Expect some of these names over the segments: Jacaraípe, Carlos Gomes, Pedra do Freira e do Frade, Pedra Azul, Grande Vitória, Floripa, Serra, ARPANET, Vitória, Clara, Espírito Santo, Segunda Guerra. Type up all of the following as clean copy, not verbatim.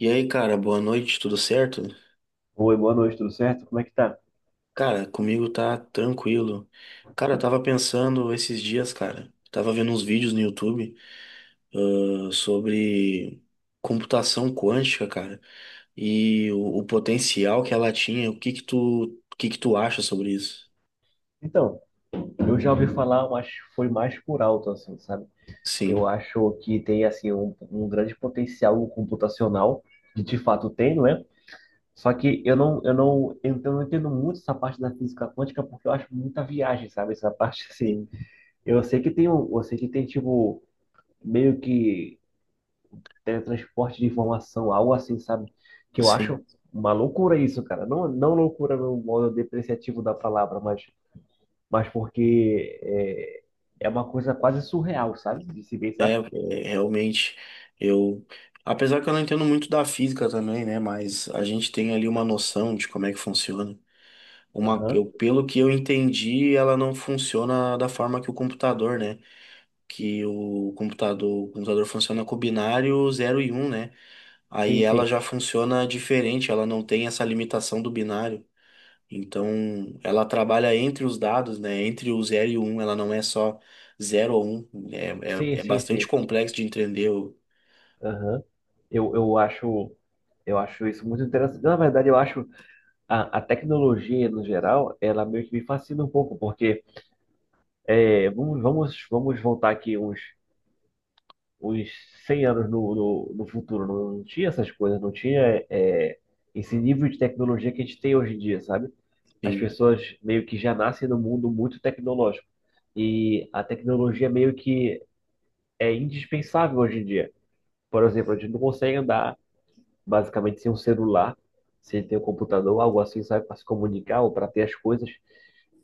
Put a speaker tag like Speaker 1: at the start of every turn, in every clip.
Speaker 1: E aí, cara, boa noite, tudo certo?
Speaker 2: Oi, boa noite, tudo certo? Como é que tá?
Speaker 1: Cara, comigo tá tranquilo. Cara, eu tava pensando esses dias, cara, tava vendo uns vídeos no YouTube, sobre computação quântica, cara, e o potencial que ela tinha. O que que tu, o que que tu acha sobre isso?
Speaker 2: Então, eu já ouvi falar, mas foi mais por alto, assim, sabe?
Speaker 1: Sim,
Speaker 2: Eu acho que tem, assim, um grande potencial computacional, que de fato tem, não é? Só que eu não entendo muito essa parte da física quântica, porque eu acho muita viagem, sabe? Essa parte, assim,
Speaker 1: sim,
Speaker 2: eu sei que tem, tipo, meio que teletransporte de informação, algo assim, sabe? Que eu
Speaker 1: sim.
Speaker 2: acho uma loucura isso, cara. Não, não loucura no modo depreciativo da palavra, mas porque é uma coisa quase surreal, sabe? De se ver,
Speaker 1: É,
Speaker 2: sabe?
Speaker 1: é, realmente, eu, apesar que eu não entendo muito da física também, né, mas a gente tem ali uma noção de como é que funciona.
Speaker 2: Aham.
Speaker 1: Pelo que eu entendi, ela não funciona da forma que o computador, né? Que o computador funciona com binário 0 e 1, né?
Speaker 2: Sim,
Speaker 1: Aí ela
Speaker 2: sim.
Speaker 1: já funciona diferente, ela não tem essa limitação do binário. Então, ela trabalha entre os dados, né? Entre o zero e o 1, ela não é só 0 ou 1. É,
Speaker 2: Sim,
Speaker 1: é, é
Speaker 2: sim,
Speaker 1: bastante
Speaker 2: sim.
Speaker 1: complexo de entender.
Speaker 2: Aham. Eu, eu acho, eu acho isso muito interessante. Na verdade, eu acho a tecnologia, no geral, ela meio que me fascina um pouco, porque vamos voltar aqui uns 100 anos no futuro. Não, tinha essas coisas, não tinha esse nível de tecnologia que a gente tem hoje em dia, sabe? As
Speaker 1: Sim.
Speaker 2: pessoas meio que já nascem num mundo muito tecnológico. E a tecnologia meio que é indispensável hoje em dia. Por exemplo, a gente não consegue andar basicamente sem um celular, sem ter um computador, algo assim, sabe, para se comunicar ou para ter as coisas.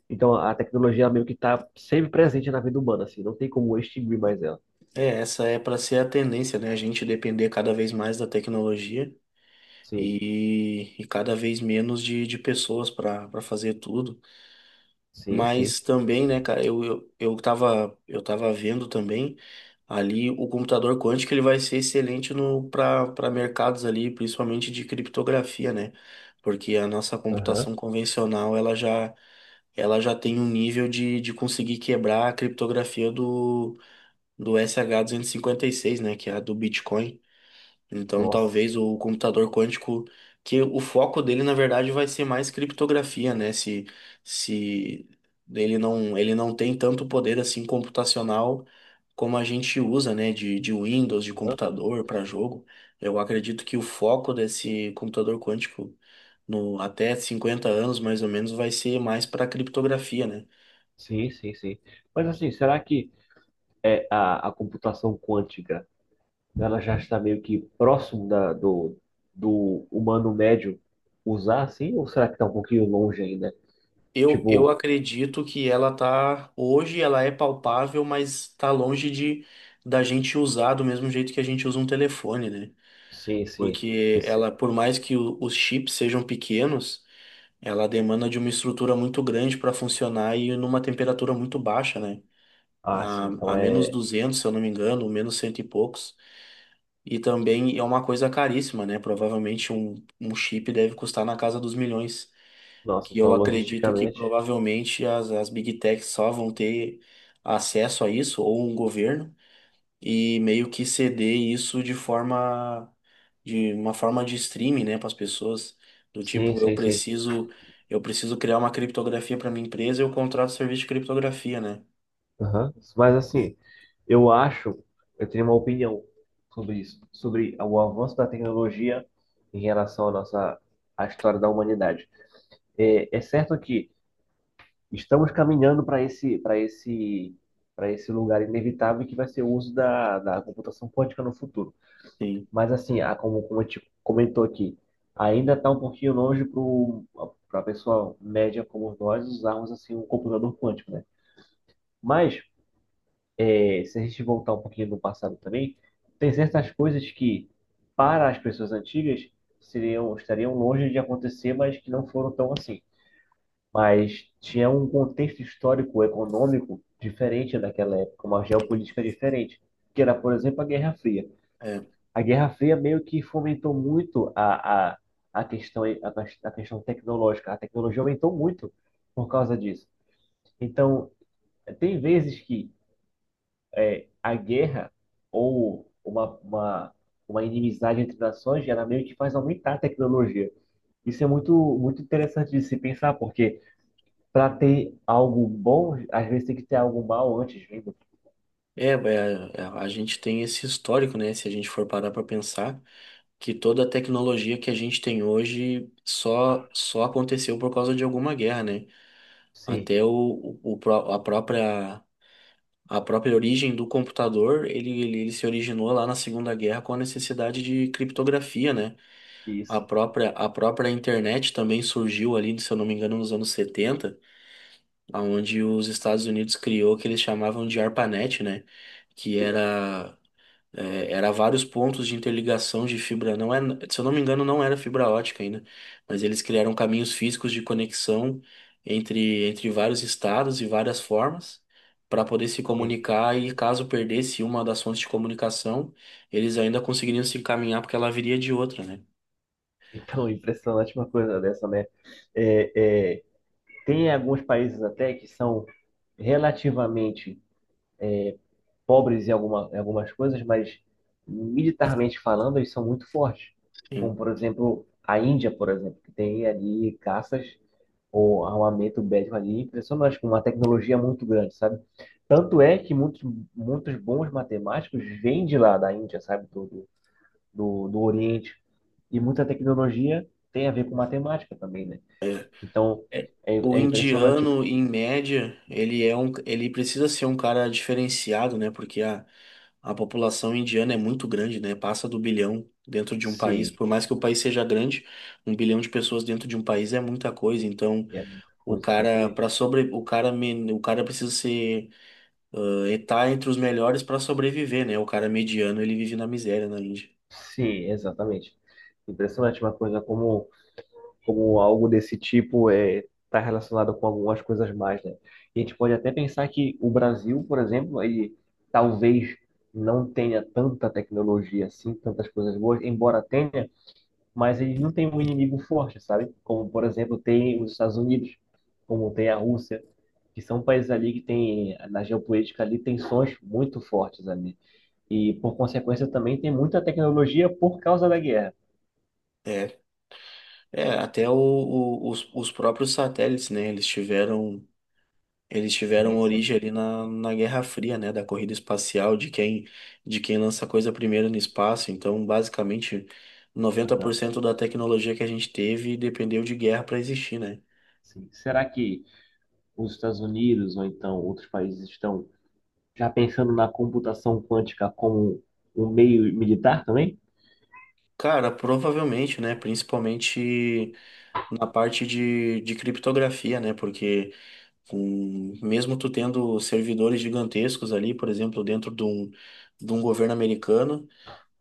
Speaker 2: Então a tecnologia ela meio que está sempre presente na vida humana, assim, não tem como extinguir mais ela.
Speaker 1: É, essa é para ser a tendência, né? A gente depender cada vez mais da tecnologia.
Speaker 2: Sim.
Speaker 1: E, e cada vez menos de pessoas para para fazer tudo.
Speaker 2: Sim, sim.
Speaker 1: Mas também, né, cara, eu tava, eu tava vendo também ali o computador quântico, ele vai ser excelente no para para mercados ali, principalmente de criptografia, né? Porque a nossa
Speaker 2: Aham.
Speaker 1: computação convencional ela já tem um nível de conseguir quebrar a criptografia do, do sh seis, né? Que é a do Bitcoin. Então, talvez
Speaker 2: Nossa.
Speaker 1: o computador quântico, que o foco dele, na verdade, vai ser mais criptografia, né? Se ele não, ele não tem tanto poder assim computacional como a gente usa, né? De Windows, de
Speaker 2: Aham.
Speaker 1: computador para jogo. Eu acredito que o foco desse computador quântico, no, até 50 anos mais ou menos, vai ser mais para criptografia, né?
Speaker 2: Sim, sim, sim. Mas assim, será que a computação quântica, ela já está meio que próximo do humano médio usar, assim? Ou será que está um pouquinho longe ainda?
Speaker 1: Eu
Speaker 2: Tipo,
Speaker 1: acredito que ela tá hoje, ela é palpável, mas tá longe de da gente usar do mesmo jeito que a gente usa um telefone, né?
Speaker 2: sim, sim.
Speaker 1: Porque ela,
Speaker 2: Esse-
Speaker 1: por mais que os chips sejam pequenos, ela demanda de uma estrutura muito grande para funcionar e numa temperatura muito baixa, né?
Speaker 2: ah, sim.
Speaker 1: A,
Speaker 2: Então
Speaker 1: a menos 200 se eu não me engano, menos cento e poucos. E também é uma coisa caríssima, né? Provavelmente um chip deve custar na casa dos milhões,
Speaker 2: Nossa,
Speaker 1: que eu
Speaker 2: então
Speaker 1: acredito que
Speaker 2: logisticamente.
Speaker 1: provavelmente as, as Big Techs só vão ter acesso a isso, ou um governo, e meio que ceder isso de forma de uma forma de streaming, né, para as pessoas, do
Speaker 2: Sim,
Speaker 1: tipo,
Speaker 2: sim, sim.
Speaker 1: eu preciso criar uma criptografia para minha empresa, eu contrato serviço de criptografia, né?
Speaker 2: Aham. Mas assim, eu acho, eu tenho uma opinião sobre isso, sobre o avanço da tecnologia em relação à história da humanidade. É certo que estamos caminhando para esse lugar inevitável que vai ser o uso da computação quântica no futuro.
Speaker 1: Sim,
Speaker 2: Mas assim, como a gente comentou aqui, ainda está um pouquinho longe para a pessoa média como nós usarmos assim um computador quântico, né? Mas, se a gente voltar um pouquinho no passado também, tem certas coisas que, para as pessoas antigas, estariam longe de acontecer, mas que não foram tão assim. Mas tinha um contexto histórico, econômico diferente daquela época, uma
Speaker 1: sim.
Speaker 2: geopolítica diferente, que era, por exemplo, a Guerra Fria.
Speaker 1: É,
Speaker 2: A Guerra Fria meio que fomentou muito a questão tecnológica. A tecnologia aumentou muito por causa disso. Então, tem vezes que a guerra ou uma inimizade entre nações, ela meio que faz aumentar a tecnologia. Isso é muito, muito interessante de se pensar, porque para ter algo bom, às vezes tem que ter algo mal antes, lembra?
Speaker 1: é, a gente tem esse histórico, né? Se a gente for parar para pensar, que toda a tecnologia que a gente tem hoje só só aconteceu por causa de alguma guerra, né?
Speaker 2: Sim,
Speaker 1: Até a própria origem do computador, ele se originou lá na Segunda Guerra com a necessidade de criptografia, né?
Speaker 2: isso.
Speaker 1: A própria internet também surgiu ali, se eu não me engano, nos anos 70, onde os Estados Unidos criou o que eles chamavam de ARPANET, né? Que era era vários pontos de interligação de fibra. Não é, se eu não me engano, não era fibra ótica ainda, mas eles criaram caminhos físicos de conexão entre, entre vários estados e várias formas para poder se
Speaker 2: Sim.
Speaker 1: comunicar e caso perdesse uma das fontes de comunicação, eles ainda conseguiriam se encaminhar porque ela viria de outra, né?
Speaker 2: Então, impressionante uma coisa dessa, né? É, tem alguns países até que são relativamente pobres em algumas coisas, mas militarmente falando, eles são muito fortes. Como,
Speaker 1: Sim.
Speaker 2: por exemplo, a Índia, por exemplo, que tem ali caças ou armamento bélico ali impressionante, com uma tecnologia muito grande, sabe? Tanto é que muitos, muitos bons matemáticos vêm de lá, da Índia, sabe? Do Oriente. E muita tecnologia tem a ver com matemática também, né? Então,
Speaker 1: É,
Speaker 2: é,
Speaker 1: o
Speaker 2: é impressionante.
Speaker 1: indiano, em média, ele é um, ele precisa ser um cara diferenciado, né? Porque a população indiana é muito grande, né? Passa do bilhão dentro de um país.
Speaker 2: Sim,
Speaker 1: Por mais que o país seja grande, 1 bilhão de pessoas dentro de um país é muita coisa. Então,
Speaker 2: é muita
Speaker 1: o
Speaker 2: coisa,
Speaker 1: cara
Speaker 2: exatamente.
Speaker 1: para sobre, o cara men- o cara precisa ser tá entre os melhores para sobreviver, né? O cara mediano ele vive na miséria na Índia.
Speaker 2: Sim, exatamente. Impressionante uma coisa como, algo desse tipo está relacionado com algumas coisas mais, né? E a gente pode até pensar que o Brasil, por exemplo, ele talvez não tenha tanta tecnologia assim, tantas coisas boas, embora tenha, mas ele não tem um inimigo forte, sabe? Como, por exemplo, tem os Estados Unidos, como tem a Rússia, que são países ali que tem, na geopolítica ali, tensões muito fortes ali. E, por consequência, também tem muita tecnologia por causa da guerra.
Speaker 1: É, é até os próprios satélites, né? Eles tiveram
Speaker 2: Sim, sim.
Speaker 1: origem ali na, na Guerra Fria, né, da corrida espacial, de quem lança coisa primeiro no espaço. Então, basicamente, noventa
Speaker 2: Aham,
Speaker 1: por cento da tecnologia que a gente teve dependeu de guerra para existir, né?
Speaker 2: sim. Será que os Estados Unidos ou então outros países estão já pensando na computação quântica como um meio militar também?
Speaker 1: Cara, provavelmente, né, principalmente na parte de criptografia, né, porque com, mesmo tu tendo servidores gigantescos ali, por exemplo, dentro de um governo americano,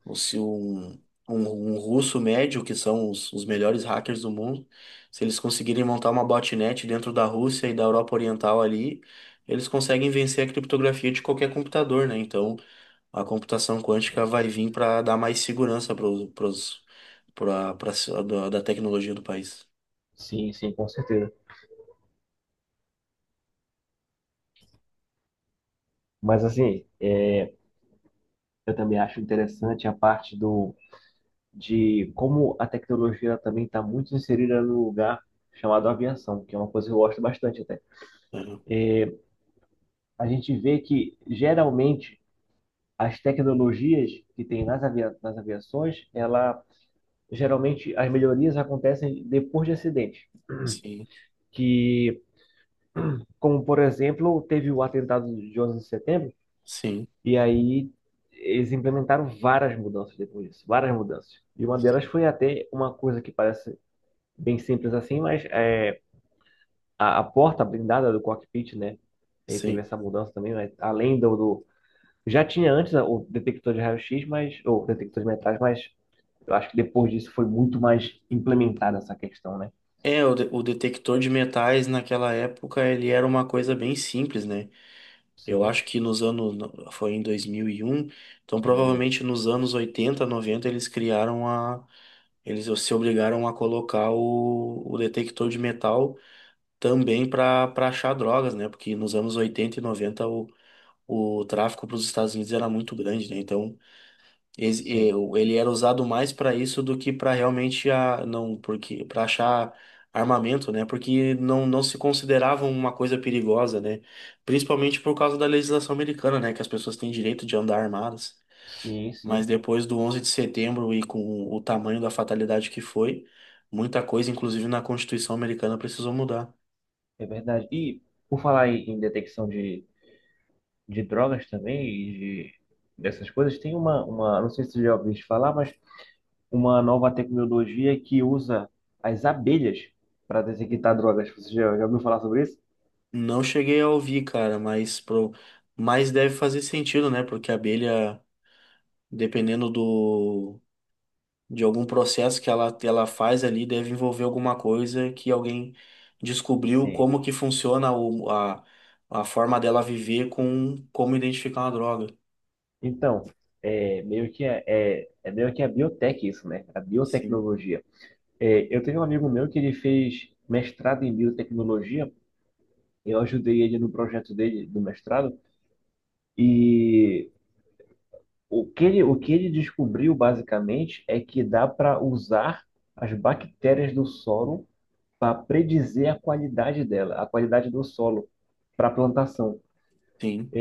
Speaker 1: ou se um, um russo médio, que são os melhores hackers do mundo, se eles conseguirem montar uma botnet dentro da Rússia e da Europa Oriental ali, eles conseguem vencer a criptografia de qualquer computador, né? Então, a computação quântica
Speaker 2: Sim,
Speaker 1: vai vir para dar mais segurança para os para da da tecnologia do país.
Speaker 2: sim, sim, com certeza. Mas assim, eu também acho interessante a parte do de como a tecnologia também está muito inserida no lugar chamado aviação, que é uma coisa que eu gosto bastante até.
Speaker 1: É,
Speaker 2: A gente vê que geralmente as tecnologias que tem nas aviações, ela geralmente as melhorias acontecem depois de acidente,
Speaker 1: sim,
Speaker 2: que, como por exemplo, teve o atentado de 11 de setembro,
Speaker 1: sim,
Speaker 2: e aí eles implementaram várias mudanças depois disso, várias mudanças. E uma delas foi até uma coisa que parece bem simples assim, mas é a porta blindada do cockpit, né? Aí teve
Speaker 1: sim.
Speaker 2: essa mudança também, mas além do, do já tinha antes o detector de raio-x, ou detector de metais, mas eu acho que depois disso foi muito mais implementada essa questão, né?
Speaker 1: É, o, o detector de metais naquela época ele era uma coisa bem simples, né? Eu
Speaker 2: Sim,
Speaker 1: acho que nos anos. Foi em 2001. Então,
Speaker 2: meu,
Speaker 1: provavelmente nos anos 80, 90, eles criaram a. Eles se obrigaram a colocar o detector de metal também para para achar drogas, né? Porque nos anos 80 e 90 o tráfico para os Estados Unidos era muito grande, né? Então,
Speaker 2: sim,
Speaker 1: ele era usado mais para isso do que para realmente a, não, porque para achar armamento, né? Porque não, não se considerava uma coisa perigosa, né? Principalmente por causa da legislação americana, né? Que as pessoas têm direito de andar armadas.
Speaker 2: sim,
Speaker 1: Mas
Speaker 2: sim,
Speaker 1: depois do 11 de setembro e com o tamanho da fatalidade que foi, muita coisa, inclusive na Constituição americana, precisou mudar.
Speaker 2: é verdade. E por falar em detecção de drogas também e de, dessas coisas, tem não sei se você já ouviu falar, mas uma nova tecnologia que usa as abelhas para detectar drogas. Você já ouviu falar sobre isso?
Speaker 1: Não cheguei a ouvir, cara, mas pro, mas deve fazer sentido, né? Porque a abelha, dependendo do de algum processo que ela faz ali deve envolver alguma coisa que alguém descobriu
Speaker 2: Sim.
Speaker 1: como que funciona a forma dela viver com como identificar uma droga.
Speaker 2: Então, é meio que a- é, é meio que a biotech isso, né? A
Speaker 1: Sim,
Speaker 2: biotecnologia. É, eu tenho um amigo meu que ele fez mestrado em biotecnologia. Eu ajudei ele no projeto dele do mestrado, e o que ele descobriu basicamente é que dá para usar as bactérias do solo para predizer a qualidade dela, a qualidade do solo para a plantação.
Speaker 1: sim,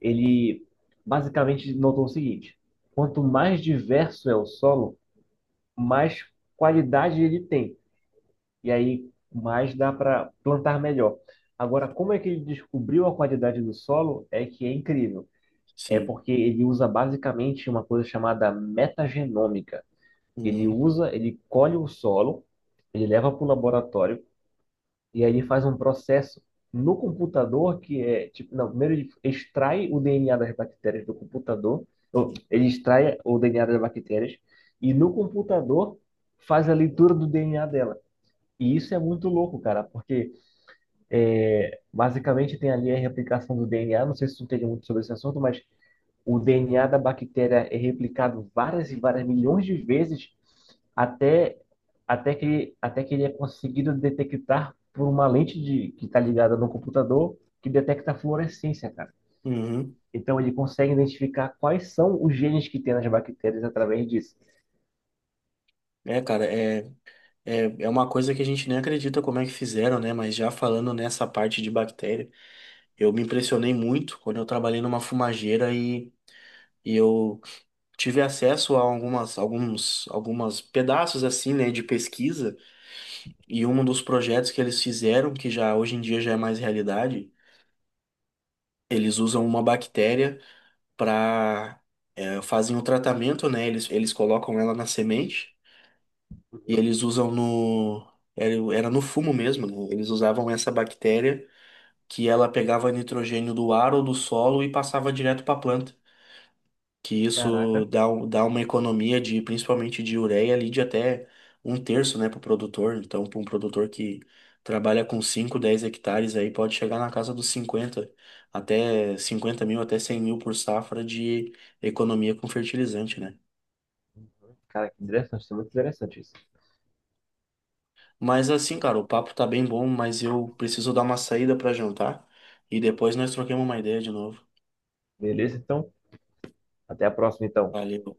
Speaker 2: Ele basicamente notou o seguinte: quanto mais diverso é o solo, mais qualidade ele tem. E aí mais dá para plantar melhor. Agora, como é que ele descobriu a qualidade do solo? É que é incrível. É
Speaker 1: sim.
Speaker 2: porque ele usa basicamente uma coisa chamada metagenômica. Ele
Speaker 1: Uhum,
Speaker 2: usa, ele colhe o solo, ele leva para o laboratório, e aí ele faz um processo no computador que é tipo, não, primeiro ele extrai o DNA das bactérias do computador, ou, ele extrai o DNA das bactérias e no computador faz a leitura do DNA dela. E isso é muito louco, cara, porque basicamente tem ali a replicação do DNA. Não sei se tu entende muito sobre esse assunto, mas o DNA da bactéria é replicado várias e várias milhões de vezes até, até que ele é conseguido detectar por uma lente que está ligada no computador que detecta a fluorescência, cara.
Speaker 1: uhum.
Speaker 2: Então ele consegue identificar quais são os genes que tem nas bactérias através disso.
Speaker 1: É, cara, é uma coisa que a gente nem acredita como é que fizeram, né? Mas já falando nessa parte de bactéria, eu me impressionei muito quando eu trabalhei numa fumageira e eu tive acesso a algumas, alguns, algumas pedaços assim, né, de pesquisa. E um dos projetos que eles fizeram, que já hoje em dia já é mais realidade, eles usam uma bactéria para fazem o tratamento, né? Eles colocam ela na semente e
Speaker 2: Uhum.
Speaker 1: eles usam no era, era no fumo mesmo, né? Eles usavam essa bactéria que ela pegava nitrogênio do ar ou do solo e passava direto para a planta, que isso
Speaker 2: Caraca,
Speaker 1: dá, dá uma economia de principalmente de ureia ali de até um terço, né, para o produtor. Então, para um produtor que trabalha com 5 10 hectares aí pode chegar na casa dos cinquenta, até 50 mil, até 100 mil por safra de economia com fertilizante, né?
Speaker 2: cara, que interessante, isso é muito interessante isso.
Speaker 1: Mas assim, cara, o papo tá bem bom, mas eu preciso dar uma saída para jantar e depois nós troquemos uma ideia de novo.
Speaker 2: Beleza, então, até a próxima, então.
Speaker 1: Valeu.